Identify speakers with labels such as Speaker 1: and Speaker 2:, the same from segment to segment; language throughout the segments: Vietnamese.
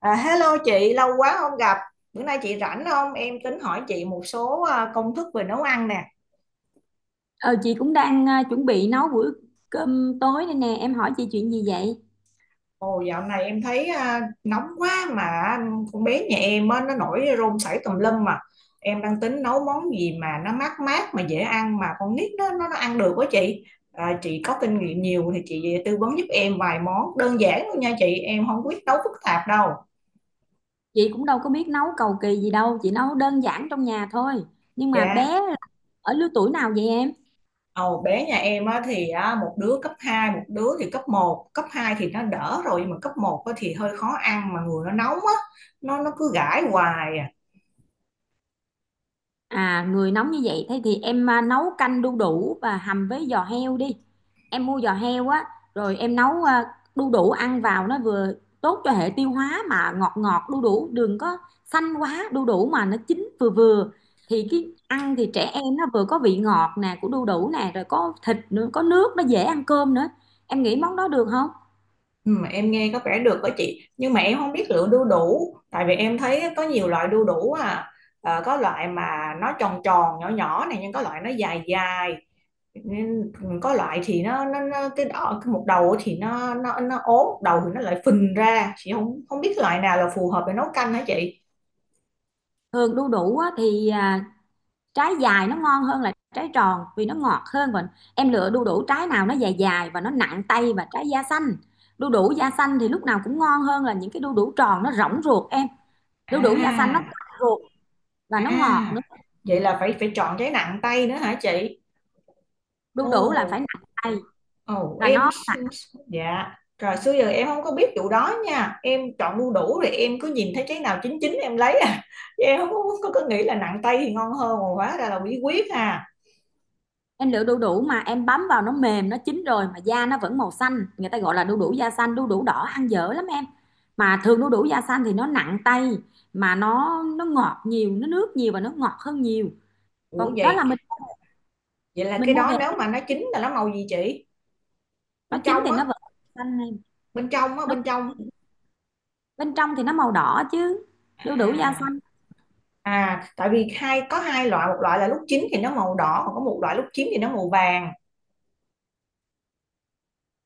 Speaker 1: À, hello chị, lâu quá không gặp. Bữa nay chị rảnh không? Em tính hỏi chị một số công thức về nấu ăn nè.
Speaker 2: Ờ, chị cũng đang chuẩn bị nấu bữa cơm tối đây nè, em hỏi chị chuyện gì vậy?
Speaker 1: Ồ, dạo này em thấy nóng quá mà con bé nhà em á, nó nổi rôm sảy tùm lum mà. Em đang tính nấu món gì mà nó mát mát mà dễ ăn mà con nít nó ăn được quá chị. À, chị có kinh nghiệm nhiều thì chị tư vấn giúp em vài món đơn giản thôi nha chị. Em không biết nấu phức tạp đâu.
Speaker 2: Chị cũng đâu có biết nấu cầu kỳ gì đâu, chị nấu đơn giản trong nhà thôi. Nhưng mà
Speaker 1: Dạ.
Speaker 2: bé ở lứa tuổi nào vậy em?
Speaker 1: Ồ, bé nhà em á, thì á, một đứa cấp hai, một đứa thì cấp một. Cấp 2 thì nó đỡ rồi nhưng mà cấp một á, thì hơi khó ăn mà người nó nóng á, nó cứ gãi hoài à.
Speaker 2: À, người nóng như vậy thế thì em nấu canh đu đủ và hầm với giò heo đi. Em mua giò heo á, rồi em nấu đu đủ ăn vào nó vừa tốt cho hệ tiêu hóa, mà ngọt ngọt, đu đủ đừng có xanh quá, đu đủ mà nó chín vừa vừa thì cái ăn thì trẻ em nó vừa có vị ngọt nè của đu đủ nè, rồi có thịt nữa, có nước nó dễ ăn cơm nữa, em nghĩ món đó được không?
Speaker 1: Ừ, mà em nghe có vẻ được đó chị, nhưng mà em không biết lựa đu đủ, tại vì em thấy có nhiều loại đu đủ à. Có loại mà nó tròn tròn nhỏ nhỏ này nhưng có loại nó dài dài. Nên có loại thì nó cái đỏ, cái một đầu thì nó ốm, một đầu thì nó lại phình ra, chị không không biết loại nào là phù hợp để nấu canh hả chị?
Speaker 2: Thường đu đủ á, thì trái dài nó ngon hơn là trái tròn vì nó ngọt hơn, và em lựa đu đủ trái nào nó dài dài và nó nặng tay và trái da xanh. Đu đủ da xanh thì lúc nào cũng ngon hơn là những cái đu đủ tròn nó rỗng ruột em. Đu đủ da xanh nó
Speaker 1: À.
Speaker 2: mặn ruột và nó ngọt nữa.
Speaker 1: À, vậy là phải phải chọn cái nặng tay nữa hả chị?
Speaker 2: Đu đủ là phải
Speaker 1: Ồ,
Speaker 2: nặng tay.
Speaker 1: ồ
Speaker 2: Và
Speaker 1: em
Speaker 2: nó
Speaker 1: s- s- dạ. Rồi xưa giờ em không có biết vụ đó nha. Em chọn đu đủ rồi em cứ nhìn thấy cái nào chín chín em lấy à. Chứ em không có nghĩ là nặng tay thì ngon hơn, mà hóa ra là bí quyết ha.
Speaker 2: Em lựa đu đủ mà em bấm vào nó mềm, nó chín rồi mà da nó vẫn màu xanh, người ta gọi là đu đủ da xanh, đu đủ đỏ ăn dở lắm em. Mà thường đu đủ da xanh thì nó nặng tay, mà nó ngọt nhiều, nó nước nhiều và nó ngọt hơn nhiều.
Speaker 1: Ủa
Speaker 2: Còn đó
Speaker 1: vậy,
Speaker 2: là mình
Speaker 1: vậy là
Speaker 2: mình
Speaker 1: cái
Speaker 2: mua
Speaker 1: đó
Speaker 2: về
Speaker 1: nếu mà nó chín là nó màu gì chị?
Speaker 2: nó
Speaker 1: Bên
Speaker 2: chín
Speaker 1: trong
Speaker 2: thì
Speaker 1: á,
Speaker 2: nó vẫn xanh này,
Speaker 1: bên trong á,
Speaker 2: nó
Speaker 1: bên
Speaker 2: chín
Speaker 1: trong.
Speaker 2: bên trong thì nó màu đỏ chứ. đu đủ da
Speaker 1: À,
Speaker 2: xanh
Speaker 1: à, tại vì có hai loại, một loại là lúc chín thì nó màu đỏ, còn có một loại lúc chín thì nó màu vàng.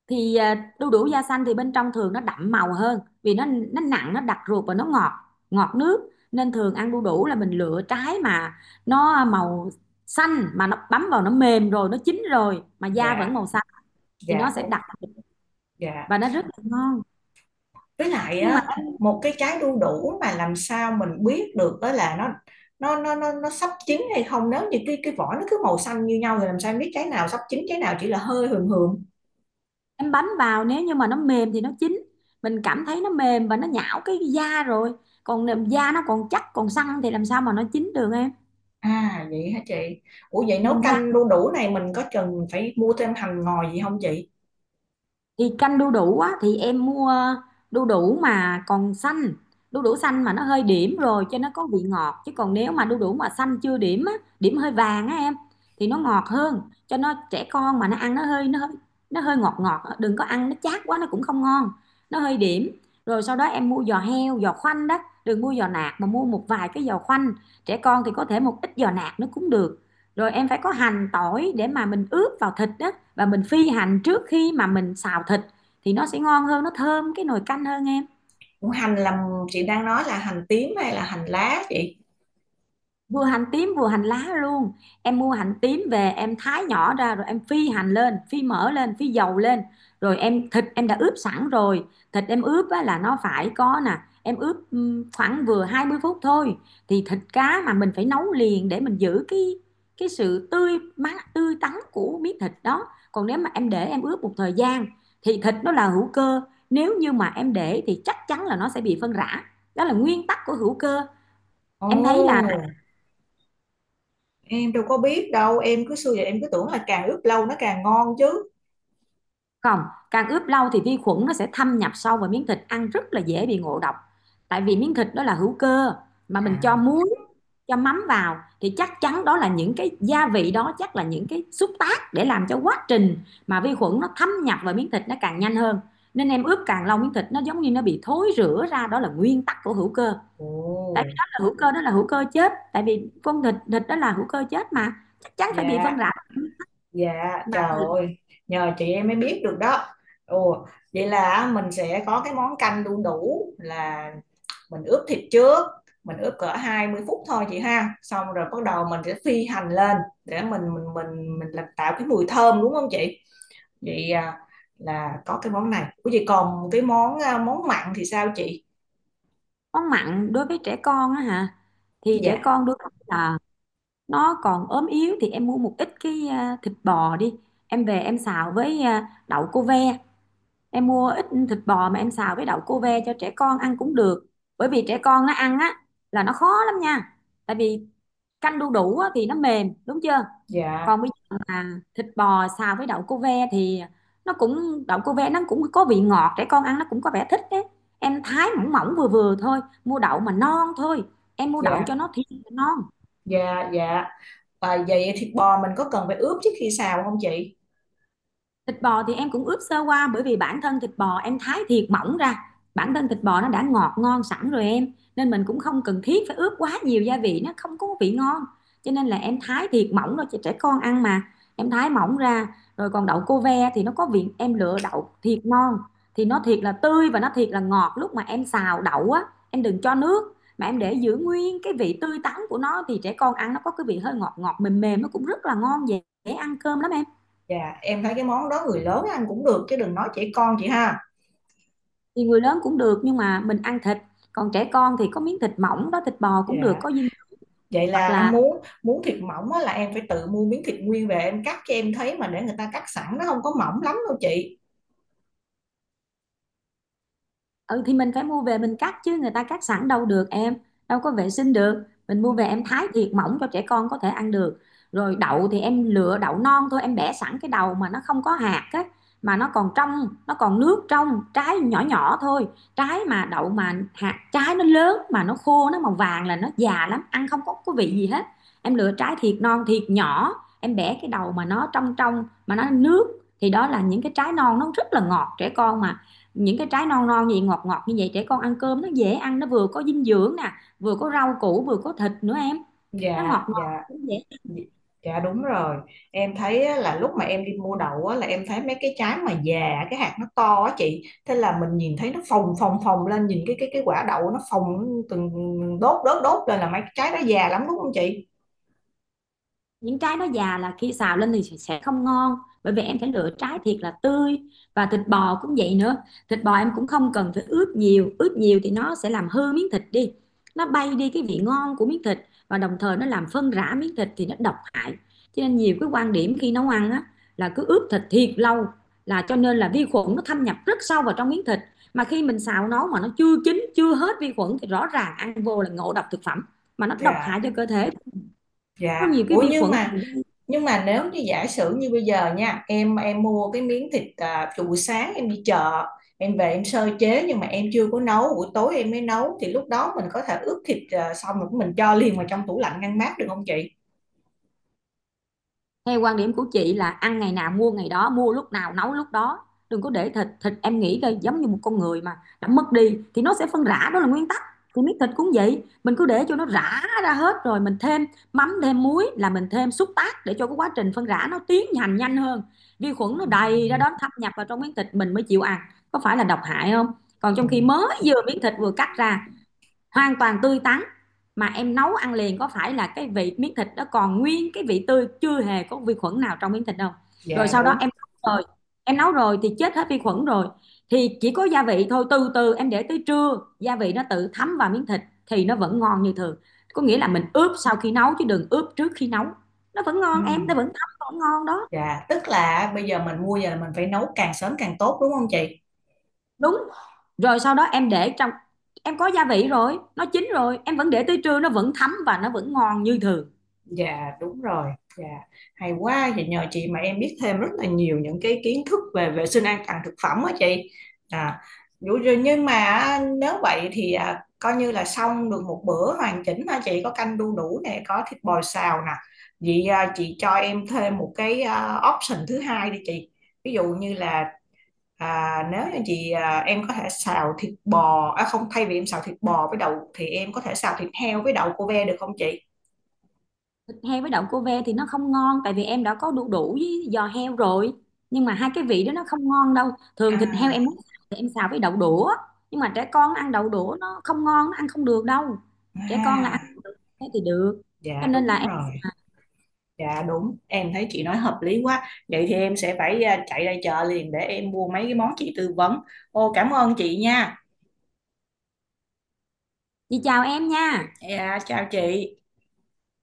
Speaker 2: Đu đủ da xanh thì bên trong thường nó đậm màu hơn, vì nó nặng, nó đặc ruột và nó ngọt, ngọt nước, nên thường ăn đu đủ là mình lựa trái mà nó màu xanh, mà nó bấm vào nó mềm rồi, nó chín rồi mà da vẫn
Speaker 1: Dạ,
Speaker 2: màu xanh thì
Speaker 1: dạ,
Speaker 2: nó sẽ
Speaker 1: ô,
Speaker 2: đặc
Speaker 1: dạ.
Speaker 2: và nó rất là ngon.
Speaker 1: Với lại
Speaker 2: Nhưng mà
Speaker 1: á, một cái trái đu đủ mà làm sao mình biết được đó là nó sắp chín hay không, nếu như cái vỏ nó cứ màu xanh như nhau thì làm sao em biết trái nào sắp chín, trái nào chỉ là hơi hường hường?
Speaker 2: em bấm vào nếu như mà nó mềm thì nó chín, mình cảm thấy nó mềm và nó nhão cái da rồi, còn da nó còn chắc còn săn thì làm sao mà nó chín được em.
Speaker 1: À vậy hả chị? Ủa vậy nấu
Speaker 2: Mình ra
Speaker 1: canh đu đủ này mình có cần phải mua thêm hành ngò gì không chị?
Speaker 2: Thì canh đu đủ á thì em mua đu đủ mà còn xanh, đu đủ xanh mà nó hơi điểm rồi cho nó có vị ngọt, chứ còn nếu mà đu đủ mà xanh chưa điểm á, điểm hơi vàng á em thì nó ngọt hơn, cho nó trẻ con mà nó ăn, nó hơi ngọt ngọt á. Đừng có ăn nó chát quá nó cũng không ngon, nó hơi điểm rồi sau đó em mua giò heo, giò khoanh đó, đừng mua giò nạc mà mua một vài cái giò khoanh, trẻ con thì có thể một ít giò nạc nó cũng được. Rồi em phải có hành tỏi để mà mình ướp vào thịt đó, và mình phi hành trước khi mà mình xào thịt thì nó sẽ ngon hơn, nó thơm cái nồi canh hơn em.
Speaker 1: Ủa, hành là chị đang nói là hành tím hay là hành lá chị?
Speaker 2: Vừa hành tím vừa hành lá luôn, em mua hành tím về em thái nhỏ ra rồi em phi hành lên, phi mỡ lên, phi dầu lên, rồi em thịt em đã ướp sẵn rồi. Thịt em ướp á, là nó phải có nè. Em ướp khoảng vừa 20 phút thôi. Thì thịt cá mà mình phải nấu liền để mình giữ cái sự tươi mát tươi tắn của miếng thịt đó, còn nếu mà em để em ướp một thời gian thì thịt nó là hữu cơ, nếu như mà em để thì chắc chắn là nó sẽ bị phân rã, đó là nguyên tắc của hữu cơ.
Speaker 1: Ồ,
Speaker 2: Em thấy là
Speaker 1: em đâu có biết đâu, em cứ xưa giờ em cứ tưởng là càng ướp lâu nó càng ngon chứ.
Speaker 2: Không, càng ướp lâu thì vi khuẩn nó sẽ thâm nhập sâu vào miếng thịt, ăn rất là dễ bị ngộ độc. Tại vì miếng thịt đó là hữu cơ, mà mình cho
Speaker 1: À,
Speaker 2: muối, cho mắm vào thì chắc chắn đó là những cái gia vị đó, chắc là những cái xúc tác để làm cho quá trình mà vi khuẩn nó thâm nhập vào miếng thịt nó càng nhanh hơn. Nên em ướp càng lâu miếng thịt nó giống như nó bị thối rữa ra, đó là nguyên tắc của hữu cơ.
Speaker 1: ồ,
Speaker 2: Tại vì đó là hữu cơ chết, tại vì con thịt thịt đó là hữu cơ chết mà chắc chắn phải bị phân
Speaker 1: dạ.
Speaker 2: rã.
Speaker 1: Dạ,
Speaker 2: Mà
Speaker 1: trời ơi, nhờ chị em mới biết được đó. Ồ, vậy là mình sẽ có cái món canh đu đủ là mình ướp thịt trước, mình ướp cỡ 20 phút thôi chị ha. Xong rồi bắt đầu mình sẽ phi hành lên để mình làm, tạo cái mùi thơm đúng không chị? Vậy là có cái món này. Ủa vậy còn cái món món mặn thì sao chị?
Speaker 2: món mặn đối với trẻ con á hả, thì trẻ
Speaker 1: Dạ,
Speaker 2: con đôi khi là nó còn ốm yếu thì em mua một ít cái thịt bò đi, em về em xào với đậu cô ve. Em mua ít thịt bò mà em xào với đậu cô ve cho trẻ con ăn cũng được, bởi vì trẻ con nó ăn á là nó khó lắm nha. Tại vì canh đu đủ á, thì nó mềm đúng chưa,
Speaker 1: dạ,
Speaker 2: còn bây giờ mà thịt bò xào với đậu cô ve thì nó cũng đậu cô ve nó cũng có vị ngọt, trẻ con ăn nó cũng có vẻ thích đấy. Em thái mỏng mỏng vừa vừa thôi, mua đậu mà non thôi, em mua đậu
Speaker 1: dạ,
Speaker 2: cho nó thiệt là non.
Speaker 1: dạ, dạ. À, vậy thịt bò mình có cần phải ướp trước khi xào không chị?
Speaker 2: Thịt bò thì em cũng ướp sơ qua, bởi vì bản thân thịt bò em thái thiệt mỏng ra. Bản thân thịt bò nó đã ngọt ngon sẵn rồi em. Nên mình cũng không cần thiết phải ướp quá nhiều gia vị, nó không có vị ngon. Cho nên là em thái thiệt mỏng rồi cho trẻ con ăn mà. Em thái mỏng ra rồi, còn đậu cô ve thì nó có vị, em lựa đậu thiệt ngon thì nó thiệt là tươi và nó thiệt là ngọt. Lúc mà em xào đậu á, em đừng cho nước mà em để giữ nguyên cái vị tươi tắn của nó, thì trẻ con ăn nó có cái vị hơi ngọt ngọt mềm mềm, nó cũng rất là ngon, dễ ăn cơm lắm em.
Speaker 1: Dạ, em thấy cái món đó người lớn ăn cũng được chứ đừng nói trẻ con chị ha.
Speaker 2: Thì người lớn cũng được nhưng mà mình ăn thịt, còn trẻ con thì có miếng thịt mỏng đó, thịt bò cũng được,
Speaker 1: Dạ,
Speaker 2: có dinh.
Speaker 1: vậy
Speaker 2: Hoặc
Speaker 1: là ăn
Speaker 2: là
Speaker 1: muốn muốn thịt mỏng á, là em phải tự mua miếng thịt nguyên về em cắt, cho em thấy mà để người ta cắt sẵn nó không có mỏng lắm đâu chị.
Speaker 2: ừ thì mình phải mua về mình cắt chứ người ta cắt sẵn đâu được em, đâu có vệ sinh được, mình mua về em thái thiệt mỏng cho trẻ con có thể ăn được. Rồi đậu thì em lựa đậu non thôi, em bẻ sẵn cái đầu mà nó không có hạt á, mà nó còn trong, nó còn nước, trong trái nhỏ nhỏ thôi. Trái mà đậu mà hạt trái nó lớn mà nó khô, nó màu vàng là nó già lắm, ăn không có vị gì hết. Em lựa trái thiệt non thiệt nhỏ, em bẻ cái đầu mà nó trong trong mà nó nước, thì đó là những cái trái non nó rất là ngọt. Trẻ con mà những cái trái non non gì ngọt ngọt như vậy, trẻ con ăn cơm nó dễ ăn, nó vừa có dinh dưỡng nè, vừa có rau củ, vừa có thịt nữa em, nó
Speaker 1: Dạ,
Speaker 2: ngọt
Speaker 1: dạ,
Speaker 2: ngọt cũng dễ.
Speaker 1: dạ, dạ, đúng rồi. Em thấy á, là lúc mà em đi mua đậu á, là em thấy mấy cái trái mà già cái hạt nó to á chị. Thế là mình nhìn thấy nó phồng phồng phồng lên, nhìn cái quả đậu nó phồng từng đốt đốt đốt lên là mấy cái trái đó già lắm đúng không chị?
Speaker 2: Những trái nó già là khi xào lên thì sẽ không ngon, bởi vì em phải lựa trái thiệt là tươi. Và thịt bò cũng vậy nữa, thịt bò em cũng không cần phải ướp nhiều, ướp nhiều thì nó sẽ làm hư miếng thịt đi, nó bay đi cái vị ngon của miếng thịt, và đồng thời nó làm phân rã miếng thịt thì nó độc hại. Cho nên nhiều cái quan điểm khi nấu ăn á là cứ ướp thịt thiệt lâu, là cho nên là vi khuẩn nó thâm nhập rất sâu vào trong miếng thịt, mà khi mình xào nấu mà nó chưa chín chưa hết vi khuẩn thì rõ ràng ăn vô là ngộ độc thực phẩm, mà nó độc hại
Speaker 1: Dạ,
Speaker 2: cho cơ thể. Có
Speaker 1: dạ.
Speaker 2: nhiều cái
Speaker 1: Ủa
Speaker 2: vi
Speaker 1: nhưng
Speaker 2: khuẩn
Speaker 1: mà
Speaker 2: thì...
Speaker 1: nhưng mà nếu như giả sử như bây giờ nha, em mua cái miếng thịt từ buổi sáng em đi chợ, em về em sơ chế nhưng mà em chưa có nấu, buổi tối em mới nấu, thì lúc đó mình có thể ướp thịt xong rồi mình cho liền vào trong tủ lạnh ngăn mát được không chị?
Speaker 2: Theo quan điểm của chị là ăn ngày nào mua ngày đó, mua lúc nào nấu lúc đó. Đừng có để thịt, thịt em nghĩ coi giống như một con người mà đã mất đi thì nó sẽ phân rã, đó là nguyên tắc. Thì miếng thịt cũng vậy, mình cứ để cho nó rã ra hết rồi mình thêm mắm thêm muối là mình thêm xúc tác để cho cái quá trình phân rã nó tiến hành nhanh hơn. Vi khuẩn nó đầy ra đó thâm nhập vào trong miếng thịt mình mới chịu ăn. Có phải là độc hại không?
Speaker 1: Ừ,
Speaker 2: Còn trong khi mới vừa miếng thịt vừa cắt ra hoàn toàn tươi tắn, mà em nấu ăn liền có phải là cái vị miếng thịt đó còn nguyên cái vị tươi, chưa hề có vi khuẩn nào trong miếng thịt đâu. Rồi
Speaker 1: dạ
Speaker 2: sau đó
Speaker 1: đúng.
Speaker 2: em nấu rồi, em nấu rồi thì chết hết vi khuẩn rồi, thì chỉ có gia vị thôi, từ từ em để tới trưa gia vị nó tự thấm vào miếng thịt thì nó vẫn ngon như thường. Có nghĩa là mình ướp sau khi nấu chứ đừng ướp trước khi nấu, nó vẫn
Speaker 1: Ừ,
Speaker 2: ngon em, nó vẫn thấm vẫn ngon đó.
Speaker 1: dạ tức là bây giờ mình mua giờ là mình phải nấu càng sớm càng tốt đúng không chị?
Speaker 2: Đúng rồi, sau đó em để trong, em có gia vị rồi nó chín rồi, em vẫn để tới trưa nó vẫn thấm và nó vẫn ngon như thường.
Speaker 1: Dạ đúng rồi, dạ hay quá, vậy nhờ chị mà em biết thêm rất là nhiều những cái kiến thức về vệ sinh an toàn thực phẩm á chị. À, dụ rồi nhưng mà á, nếu vậy thì coi như là xong được một bữa hoàn chỉnh hả chị, có canh đu đủ nè, có thịt bò xào nè. Vậy chị cho em thêm một cái option thứ hai đi chị. Ví dụ như là nếu như chị em có thể xào thịt bò, à không, thay vì em xào thịt bò với đậu thì em có thể xào thịt heo với đậu cô ve được không chị?
Speaker 2: Thịt heo với đậu cô ve thì nó không ngon, tại vì em đã có đu đủ với giò heo rồi, nhưng mà hai cái vị đó nó không ngon đâu. Thường thịt heo
Speaker 1: À
Speaker 2: em muốn xào thì em xào với đậu đũa, nhưng mà trẻ con ăn đậu đũa nó không ngon, nó ăn không được đâu. Trẻ con là ăn
Speaker 1: À,
Speaker 2: thế thì được, cho
Speaker 1: dạ
Speaker 2: nên
Speaker 1: đúng
Speaker 2: là em...
Speaker 1: rồi, dạ đúng, em thấy chị nói hợp lý quá. Vậy thì em sẽ phải chạy ra chợ liền để em mua mấy cái món chị tư vấn. Ô, cảm ơn chị nha.
Speaker 2: Chị chào em nha.
Speaker 1: Dạ, chào chị.